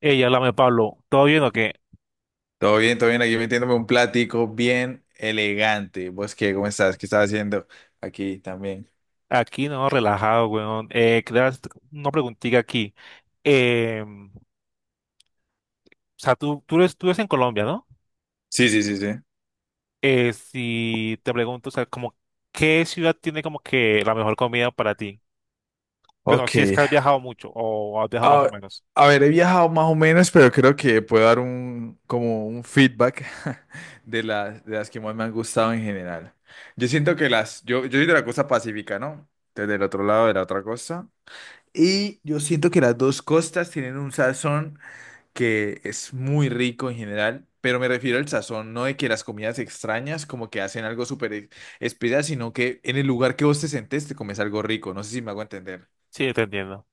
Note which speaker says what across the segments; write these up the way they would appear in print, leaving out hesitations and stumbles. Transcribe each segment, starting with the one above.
Speaker 1: Ey, háblame, Pablo. ¿Todo bien o qué?
Speaker 2: Todo bien, todo bien. Aquí metiéndome un platico bien elegante. ¿Vos qué? ¿Cómo estás? ¿Qué estás haciendo aquí también?
Speaker 1: Aquí no, relajado, weón. Quería hacer una preguntita aquí. O sea, tú eres en Colombia, ¿no?
Speaker 2: Sí, sí, sí, sí.
Speaker 1: Si te pregunto, o sea, como, ¿qué ciudad tiene como que la mejor comida para ti? Bueno,
Speaker 2: Ok.
Speaker 1: si es que has viajado mucho o has viajado más o
Speaker 2: A,
Speaker 1: menos.
Speaker 2: a ver, he viajado más o menos, pero creo que puedo dar como un feedback de las que más me han gustado en general. Yo siento que yo soy de la costa pacífica, ¿no? Desde el otro lado de la otra costa. Y yo siento que las dos costas tienen un sazón que es muy rico en general, pero me refiero al sazón, no de que las comidas extrañas como que hacen algo súper especial, sino que en el lugar que vos te sentés te comes algo rico, no sé si me hago entender.
Speaker 1: Sí, te entiendo.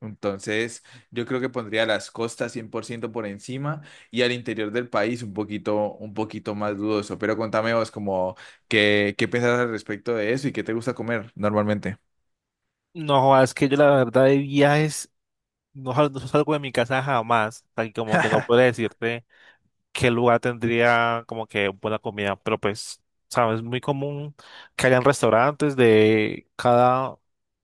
Speaker 2: Entonces, yo creo que pondría las costas 100 por ciento por encima y al interior del país un poquito más dudoso. Pero contame vos como qué pensás al respecto de eso y qué te gusta comer normalmente.
Speaker 1: No, es que yo la verdad de viajes no salgo de mi casa jamás. O sea, que como que no puedo decirte qué lugar tendría como que buena comida, pero pues, sabes, es muy común que hayan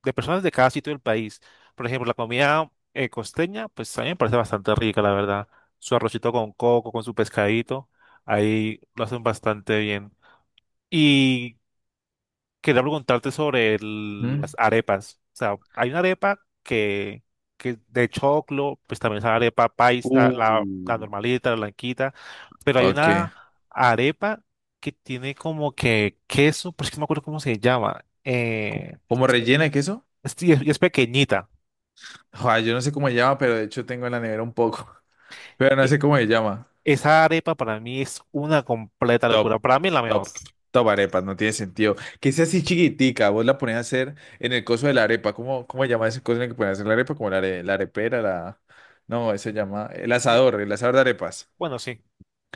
Speaker 1: de personas de cada sitio del país. Por ejemplo, la comida costeña, pues a mí me parece bastante rica, la verdad. Su arrocito con coco, con su pescadito, ahí lo hacen bastante bien. Y quería preguntarte sobre las
Speaker 2: ¿Mm?
Speaker 1: arepas. O sea, hay que de choclo, pues también es la arepa paisa, la
Speaker 2: Uh.
Speaker 1: normalita, la blanquita, pero hay
Speaker 2: Ok.
Speaker 1: una arepa que tiene como que queso, pues que no me acuerdo cómo se llama.
Speaker 2: ¿Como rellena de queso?
Speaker 1: Y es, y es pequeñita.
Speaker 2: Joder, yo no sé cómo se llama, pero de hecho tengo en la nevera un poco. Pero no
Speaker 1: E-
Speaker 2: sé cómo se llama.
Speaker 1: Esa arepa para mí es una completa
Speaker 2: Top,
Speaker 1: locura. Para mí es la
Speaker 2: top,
Speaker 1: mejor.
Speaker 2: top arepas, no tiene sentido. Que sea así chiquitica, vos la ponés a hacer en el coso de la arepa. Cómo se llama ese coso en el que pones a hacer la arepa? Como la arepera, la... No, eso se llama
Speaker 1: Eh,
Speaker 2: el asador de arepas.
Speaker 1: Bueno, sí.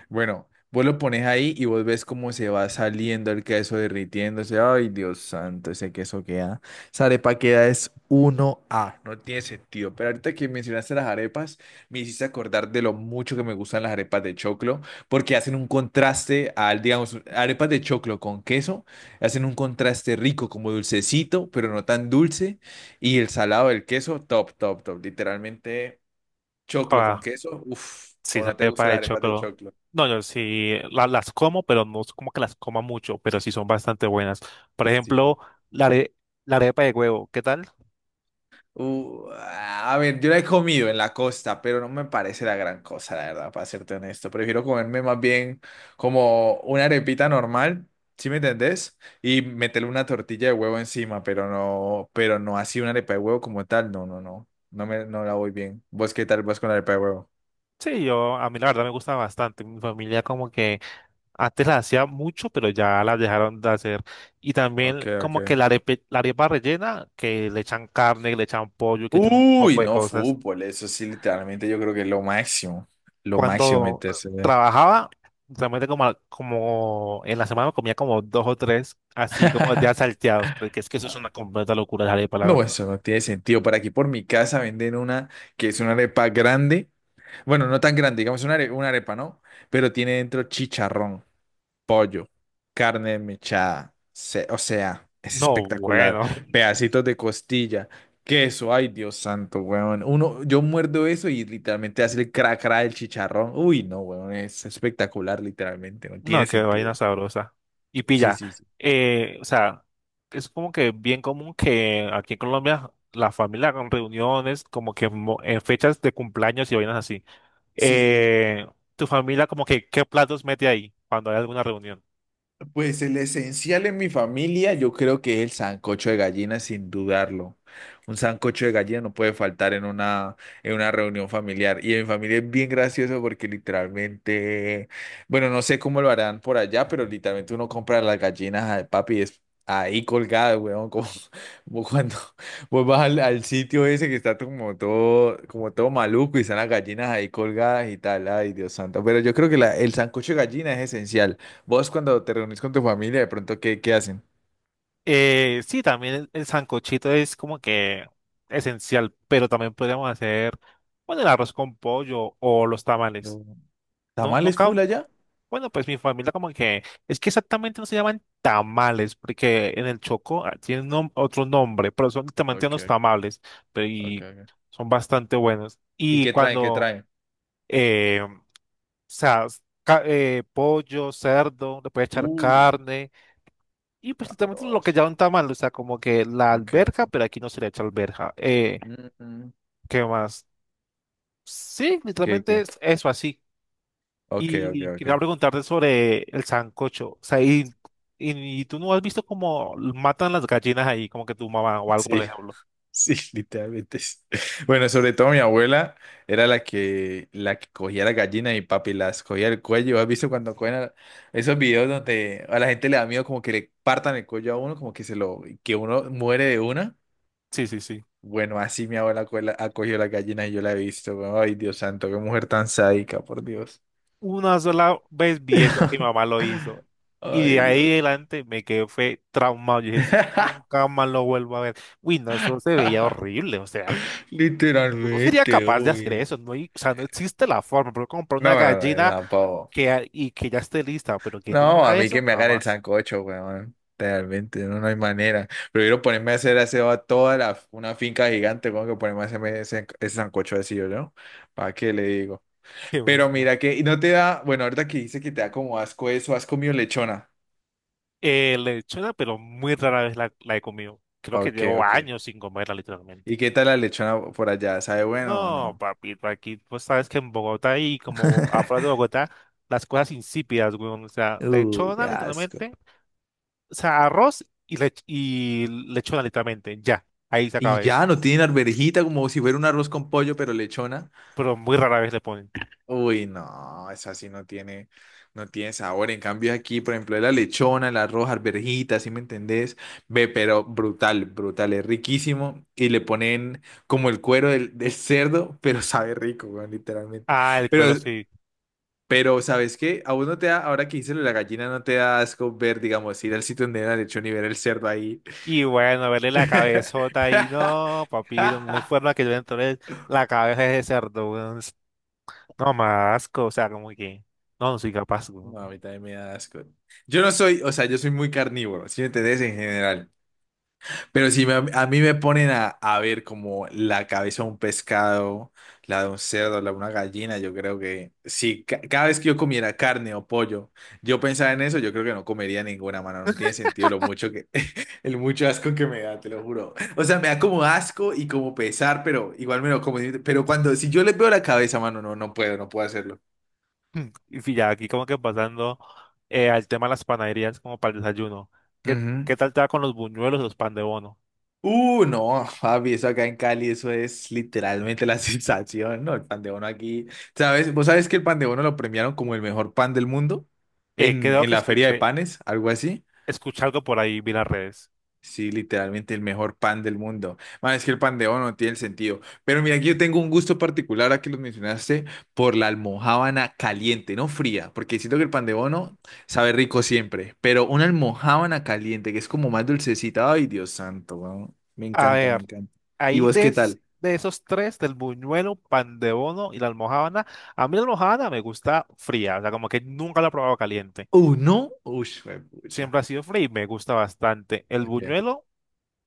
Speaker 2: Bueno, vos lo pones ahí y vos ves cómo se va saliendo el queso derritiéndose. Ay, Dios santo, ese queso queda. Esa arepa queda es uno a. No tiene sentido. Pero ahorita que mencionaste las arepas, me hiciste acordar de lo mucho que me gustan las arepas de choclo, porque hacen un contraste al, digamos, arepas de choclo con queso. Hacen un contraste rico, como dulcecito, pero no tan dulce. Y el salado del queso, top, top, top. Literalmente, choclo con
Speaker 1: Ah,
Speaker 2: queso. Uf,
Speaker 1: sí,
Speaker 2: o no te
Speaker 1: sale
Speaker 2: gustan
Speaker 1: para
Speaker 2: las
Speaker 1: de
Speaker 2: arepas de
Speaker 1: choclo.
Speaker 2: choclo.
Speaker 1: No, yo las como, pero no es como que las coma mucho, pero sí son bastante buenas. Por ejemplo,
Speaker 2: Sí.
Speaker 1: la, are- la arepa de huevo, ¿qué tal?
Speaker 2: A ver, yo la he comido en la costa, pero no me parece la gran cosa, la verdad, para serte honesto. Prefiero comerme más bien como una arepita normal, ¿sí me entendés? Y meterle una tortilla de huevo encima, pero no así una arepa de huevo como tal. No, no, no. No la voy bien. ¿Vos qué tal vas con la arepa de huevo?
Speaker 1: Sí, a mí la verdad me gusta bastante. Mi familia como que antes la hacía mucho, pero ya la dejaron de hacer. Y
Speaker 2: Ok,
Speaker 1: también
Speaker 2: ok.
Speaker 1: como que la arepa rellena, que le echan carne, que le echan pollo, que le echan un
Speaker 2: Uy,
Speaker 1: poco de
Speaker 2: no,
Speaker 1: cosas.
Speaker 2: fútbol, eso sí, literalmente yo creo que es lo máximo. Lo máximo
Speaker 1: Cuando
Speaker 2: meterse.
Speaker 1: trabajaba, realmente como en la semana comía como dos o tres, así como de salteados porque es que eso es una completa locura, dejaré para la
Speaker 2: No,
Speaker 1: verdad.
Speaker 2: eso no tiene sentido. Por aquí, por mi casa, venden una que es una arepa grande. Bueno, no tan grande, digamos una arepa, ¿no? Pero tiene dentro chicharrón, pollo, carne mechada. O sea, es
Speaker 1: No,
Speaker 2: espectacular.
Speaker 1: bueno,
Speaker 2: Pedacitos de costilla, queso. Ay, Dios santo, weón. Uno, yo muerdo eso y literalmente hace el cra cra del chicharrón. Uy, no, weón, es espectacular, literalmente. No tiene
Speaker 1: no, qué
Speaker 2: sentido.
Speaker 1: vaina sabrosa. Y
Speaker 2: Sí,
Speaker 1: pilla,
Speaker 2: sí, sí.
Speaker 1: o sea, es como que bien común que aquí en Colombia la familia con reuniones, como que en fechas de cumpleaños y vainas así.
Speaker 2: Sí, sí, sí.
Speaker 1: Eh, Tu familia como que, ¿qué platos mete ahí cuando hay alguna reunión?
Speaker 2: Pues el esencial en mi familia, yo creo que es el sancocho de gallina, sin dudarlo. Un sancocho de gallina no puede faltar en en una reunión familiar. Y en mi familia es bien gracioso porque literalmente, bueno, no sé cómo lo harán por allá, pero literalmente uno compra las gallinas al papi y es ahí colgada, weón, como, como cuando vos vas al sitio ese que está como todo maluco y están las gallinas ahí colgadas y tal. Ay, Dios santo. Pero yo creo que el sancocho de gallina es esencial. Vos cuando te reunís con tu familia, de pronto, qué hacen?
Speaker 1: Sí, también el sancochito es como que esencial, pero también podríamos hacer, bueno, el arroz con pollo o los tamales.
Speaker 2: No.
Speaker 1: No,
Speaker 2: ¿Tamales
Speaker 1: nunca,
Speaker 2: full allá?
Speaker 1: bueno, pues mi familia como que, es que exactamente no se llaman tamales, porque en el Choco ah, otro nombre, pero son literalmente
Speaker 2: Ok,
Speaker 1: unos tamales, pero
Speaker 2: ok,
Speaker 1: y
Speaker 2: ok.
Speaker 1: son bastante buenos.
Speaker 2: ¿Y
Speaker 1: Y
Speaker 2: qué traen? ¿Qué
Speaker 1: cuando,
Speaker 2: traen?
Speaker 1: eh, o sea, pollo, cerdo, le puede echar
Speaker 2: Uh,
Speaker 1: carne y pues literalmente lo que
Speaker 2: sabroso.
Speaker 1: llaman tamal, o sea, como que la
Speaker 2: Ok,
Speaker 1: alberja,
Speaker 2: ok.
Speaker 1: pero aquí no se le echa alberja.
Speaker 2: Mm, mm.
Speaker 1: ¿Qué más? Sí,
Speaker 2: ¿Qué,
Speaker 1: literalmente
Speaker 2: qué?
Speaker 1: es eso así.
Speaker 2: Ok, ok,
Speaker 1: Y
Speaker 2: ok.
Speaker 1: quería preguntarte sobre el sancocho. O sea, y tú no has visto cómo matan las gallinas ahí, como que tu mamá o algo, por
Speaker 2: Sí,
Speaker 1: ejemplo.
Speaker 2: sí, literalmente. Sí. Bueno, sobre todo mi abuela era la que cogía la gallina y papi las cogía el cuello. ¿Has visto cuando esos videos donde a la gente le da miedo como que le partan el cuello a uno, como que se lo, que uno muere de una?
Speaker 1: Sí, sí, sí.
Speaker 2: Bueno, así mi abuela ha cogido las gallinas y yo la he visto. Weón. Ay, Dios santo, qué mujer tan sádica, por Dios.
Speaker 1: Una sola vez vi eso que mi mamá lo hizo. Y de
Speaker 2: Ay, Dios.
Speaker 1: ahí adelante me quedé, fue traumado. Y eso nunca más lo vuelvo a ver. Uy, no, eso se veía horrible. O sea, yo no sería
Speaker 2: Literalmente,
Speaker 1: capaz de hacer
Speaker 2: uy.
Speaker 1: eso, o sea, no existe la forma, pero comprar una
Speaker 2: No, no, no,
Speaker 1: gallina
Speaker 2: no, pavo.
Speaker 1: y que ya esté lista, pero que yo le
Speaker 2: No, a
Speaker 1: haga
Speaker 2: mí que
Speaker 1: eso,
Speaker 2: me hagan el
Speaker 1: jamás.
Speaker 2: sancocho, weón. Realmente, no hay manera. Prefiero ponerme a hacer aseo a toda la, una finca gigante, weón, que ponerme a hacerme ese sancocho así, ¿no? ¿Para qué le digo?
Speaker 1: Qué
Speaker 2: Pero
Speaker 1: onda.
Speaker 2: mira que, y no te da, bueno, ahorita que dice que te da como asco eso, ¿has comido lechona?
Speaker 1: Lechona, pero muy rara vez la he comido. Creo que
Speaker 2: Ok,
Speaker 1: llevo
Speaker 2: ok.
Speaker 1: años sin comerla, literalmente.
Speaker 2: ¿Y qué tal la lechona por allá? ¿Sabe bueno o
Speaker 1: No,
Speaker 2: no?
Speaker 1: papito, aquí, pues sabes que en Bogotá y como afuera de Bogotá, las cosas insípidas, weón. O sea,
Speaker 2: Uy,
Speaker 1: lechona,
Speaker 2: qué asco.
Speaker 1: literalmente. O sea, arroz y, lech- y lechona, literalmente. Ya, ahí se
Speaker 2: Y
Speaker 1: acaba eso.
Speaker 2: ya, no tienen arvejita como si fuera un arroz con pollo, pero lechona.
Speaker 1: Pero muy rara vez le ponen.
Speaker 2: Uy, no, esa no tiene sabor. En cambio aquí, por ejemplo, la lechona, el arroz, arvejita, ¿sí me entendés? Ve, pero brutal, brutal, es riquísimo. Y le ponen como el cuero del cerdo, pero sabe rico, weón, literalmente.
Speaker 1: Ah, el cuero
Speaker 2: Pero
Speaker 1: sí.
Speaker 2: pero, ¿sabes qué? A uno te da, ahora que hice lo de la gallina, no te da asco ver, digamos, ir al sitio donde era el lechón y ver el cerdo ahí.
Speaker 1: Y bueno, verle la cabezota ahí, no, papito, no hay forma que yo le entre la cabeza de ese cerdo, weón. No, más asco, o sea, como que, no, no soy capaz, weón.
Speaker 2: No, a mí también me da asco. Yo no soy, o sea, yo soy muy carnívoro, si me entendés en general. Pero si me- a mí me ponen a ver como la cabeza de un pescado, la de un cerdo, la de una gallina, yo creo que si ca- cada vez que yo comiera carne o pollo, yo pensaba en eso, yo creo que no comería ninguna, mano. No tiene sentido lo mucho que, el mucho asco que me da, te lo juro. O sea, me da como asco y como pesar, pero igual me lo como. Pero cuando, si yo les veo la cabeza, mano, no puedo, no puedo hacerlo.
Speaker 1: Y ya aquí como que pasando al tema de las panaderías como para el desayuno. ¿Qué,
Speaker 2: Ujú.
Speaker 1: ¿Qué tal te va con los buñuelos, los pan de bono?
Speaker 2: No, papi, eso acá en Cali, eso es literalmente la sensación, ¿no? El pan de bono aquí, ¿sabes? ¿Vos sabés que el pan de bono lo premiaron como el mejor pan del mundo
Speaker 1: Eh, creo
Speaker 2: en
Speaker 1: que
Speaker 2: la feria de
Speaker 1: escuché,
Speaker 2: panes, algo así?
Speaker 1: Escuché algo por ahí, vi las redes.
Speaker 2: Sí, literalmente el mejor pan del mundo. Man, es que el pan de bono no tiene el sentido. Pero mira, aquí yo tengo un gusto particular, a que lo mencionaste, por la almojábana caliente, no fría, porque siento que el pan de bono sabe rico siempre, pero una almojábana caliente, que es como más dulcecita. Ay, Dios santo, weón. Me
Speaker 1: A
Speaker 2: encanta, me
Speaker 1: ver,
Speaker 2: encanta. ¿Y vos qué tal?
Speaker 1: de esos tres, del buñuelo, pan de bono y la almojábana, a mí la almojábana me gusta fría, o sea, como que nunca la he probado caliente.
Speaker 2: ¿No? Uy, pucha.
Speaker 1: Siempre ha sido free, me gusta bastante. El
Speaker 2: Ok.
Speaker 1: buñuelo, o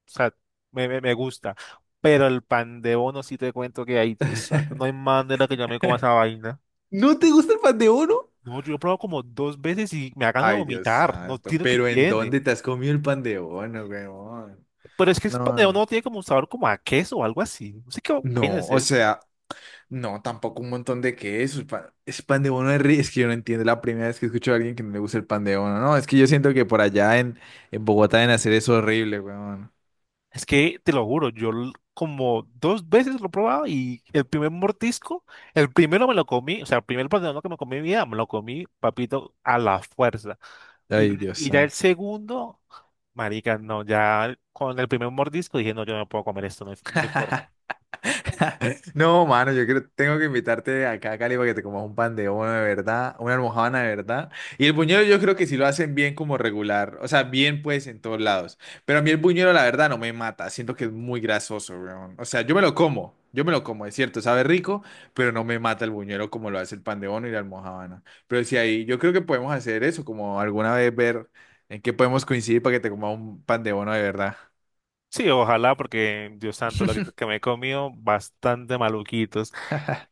Speaker 1: sea, me gusta, pero el pan de bono sí te cuento que hay, Dios santo, no hay manera que yo me coma esa vaina.
Speaker 2: ¿No te gusta el pan de bono?
Speaker 1: No, yo he probado como dos veces y me hagan de
Speaker 2: Ay, Dios
Speaker 1: vomitar, no
Speaker 2: santo.
Speaker 1: tiene que
Speaker 2: ¿Pero en
Speaker 1: tiene.
Speaker 2: dónde te has comido el pan de bono, weón?
Speaker 1: Pero es que el pan
Speaker 2: No,
Speaker 1: de bono
Speaker 2: no.
Speaker 1: no tiene como un sabor como a queso o algo así, no sé qué vaina
Speaker 2: No,
Speaker 1: es
Speaker 2: o
Speaker 1: esa.
Speaker 2: sea, no, tampoco un montón de quesos. Es pan de bono Es que yo no entiendo la primera vez que escucho a alguien que no le gusta el pan de bono. No, es que yo siento que por allá en Bogotá deben hacer eso horrible, weón.
Speaker 1: Es que te lo juro, como dos veces lo he probado y el primer mordisco, el primero me lo comí, o sea, el primer pan de bono que me comí en mi vida, me lo comí, papito, a la fuerza. Y,
Speaker 2: Ay, Dios.
Speaker 1: y ya el segundo, marica, no, ya con el primer mordisco dije, no, yo no puedo comer esto, no hay forma.
Speaker 2: No, mano, yo creo, tengo que invitarte acá a Cali para que te comas un pan de bono de verdad, una almojábana de verdad. Y el buñuelo yo creo que sí lo hacen bien como regular, o sea, bien pues en todos lados. Pero a mí el buñuelo la verdad no me mata, siento que es muy grasoso, weón. O sea, yo me lo como, yo me lo como, es cierto, sabe rico, pero no me mata el buñuelo como lo hace el pan de bono y la almojábana. Pero sí ahí, yo creo que podemos hacer eso, como alguna vez ver en qué podemos coincidir para que te comas un pan de bono de verdad.
Speaker 1: Sí, ojalá, porque Dios santo, que me he comido, bastante maluquitos.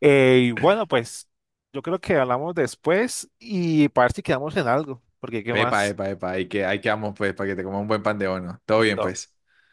Speaker 1: Y bueno, pues yo creo que hablamos después y para ver si quedamos en algo, porque ¿qué
Speaker 2: Epa,
Speaker 1: más?
Speaker 2: epa, epa, hay que vamos pues para que te coma un buen pan de bono. Todo bien
Speaker 1: Listo.
Speaker 2: pues.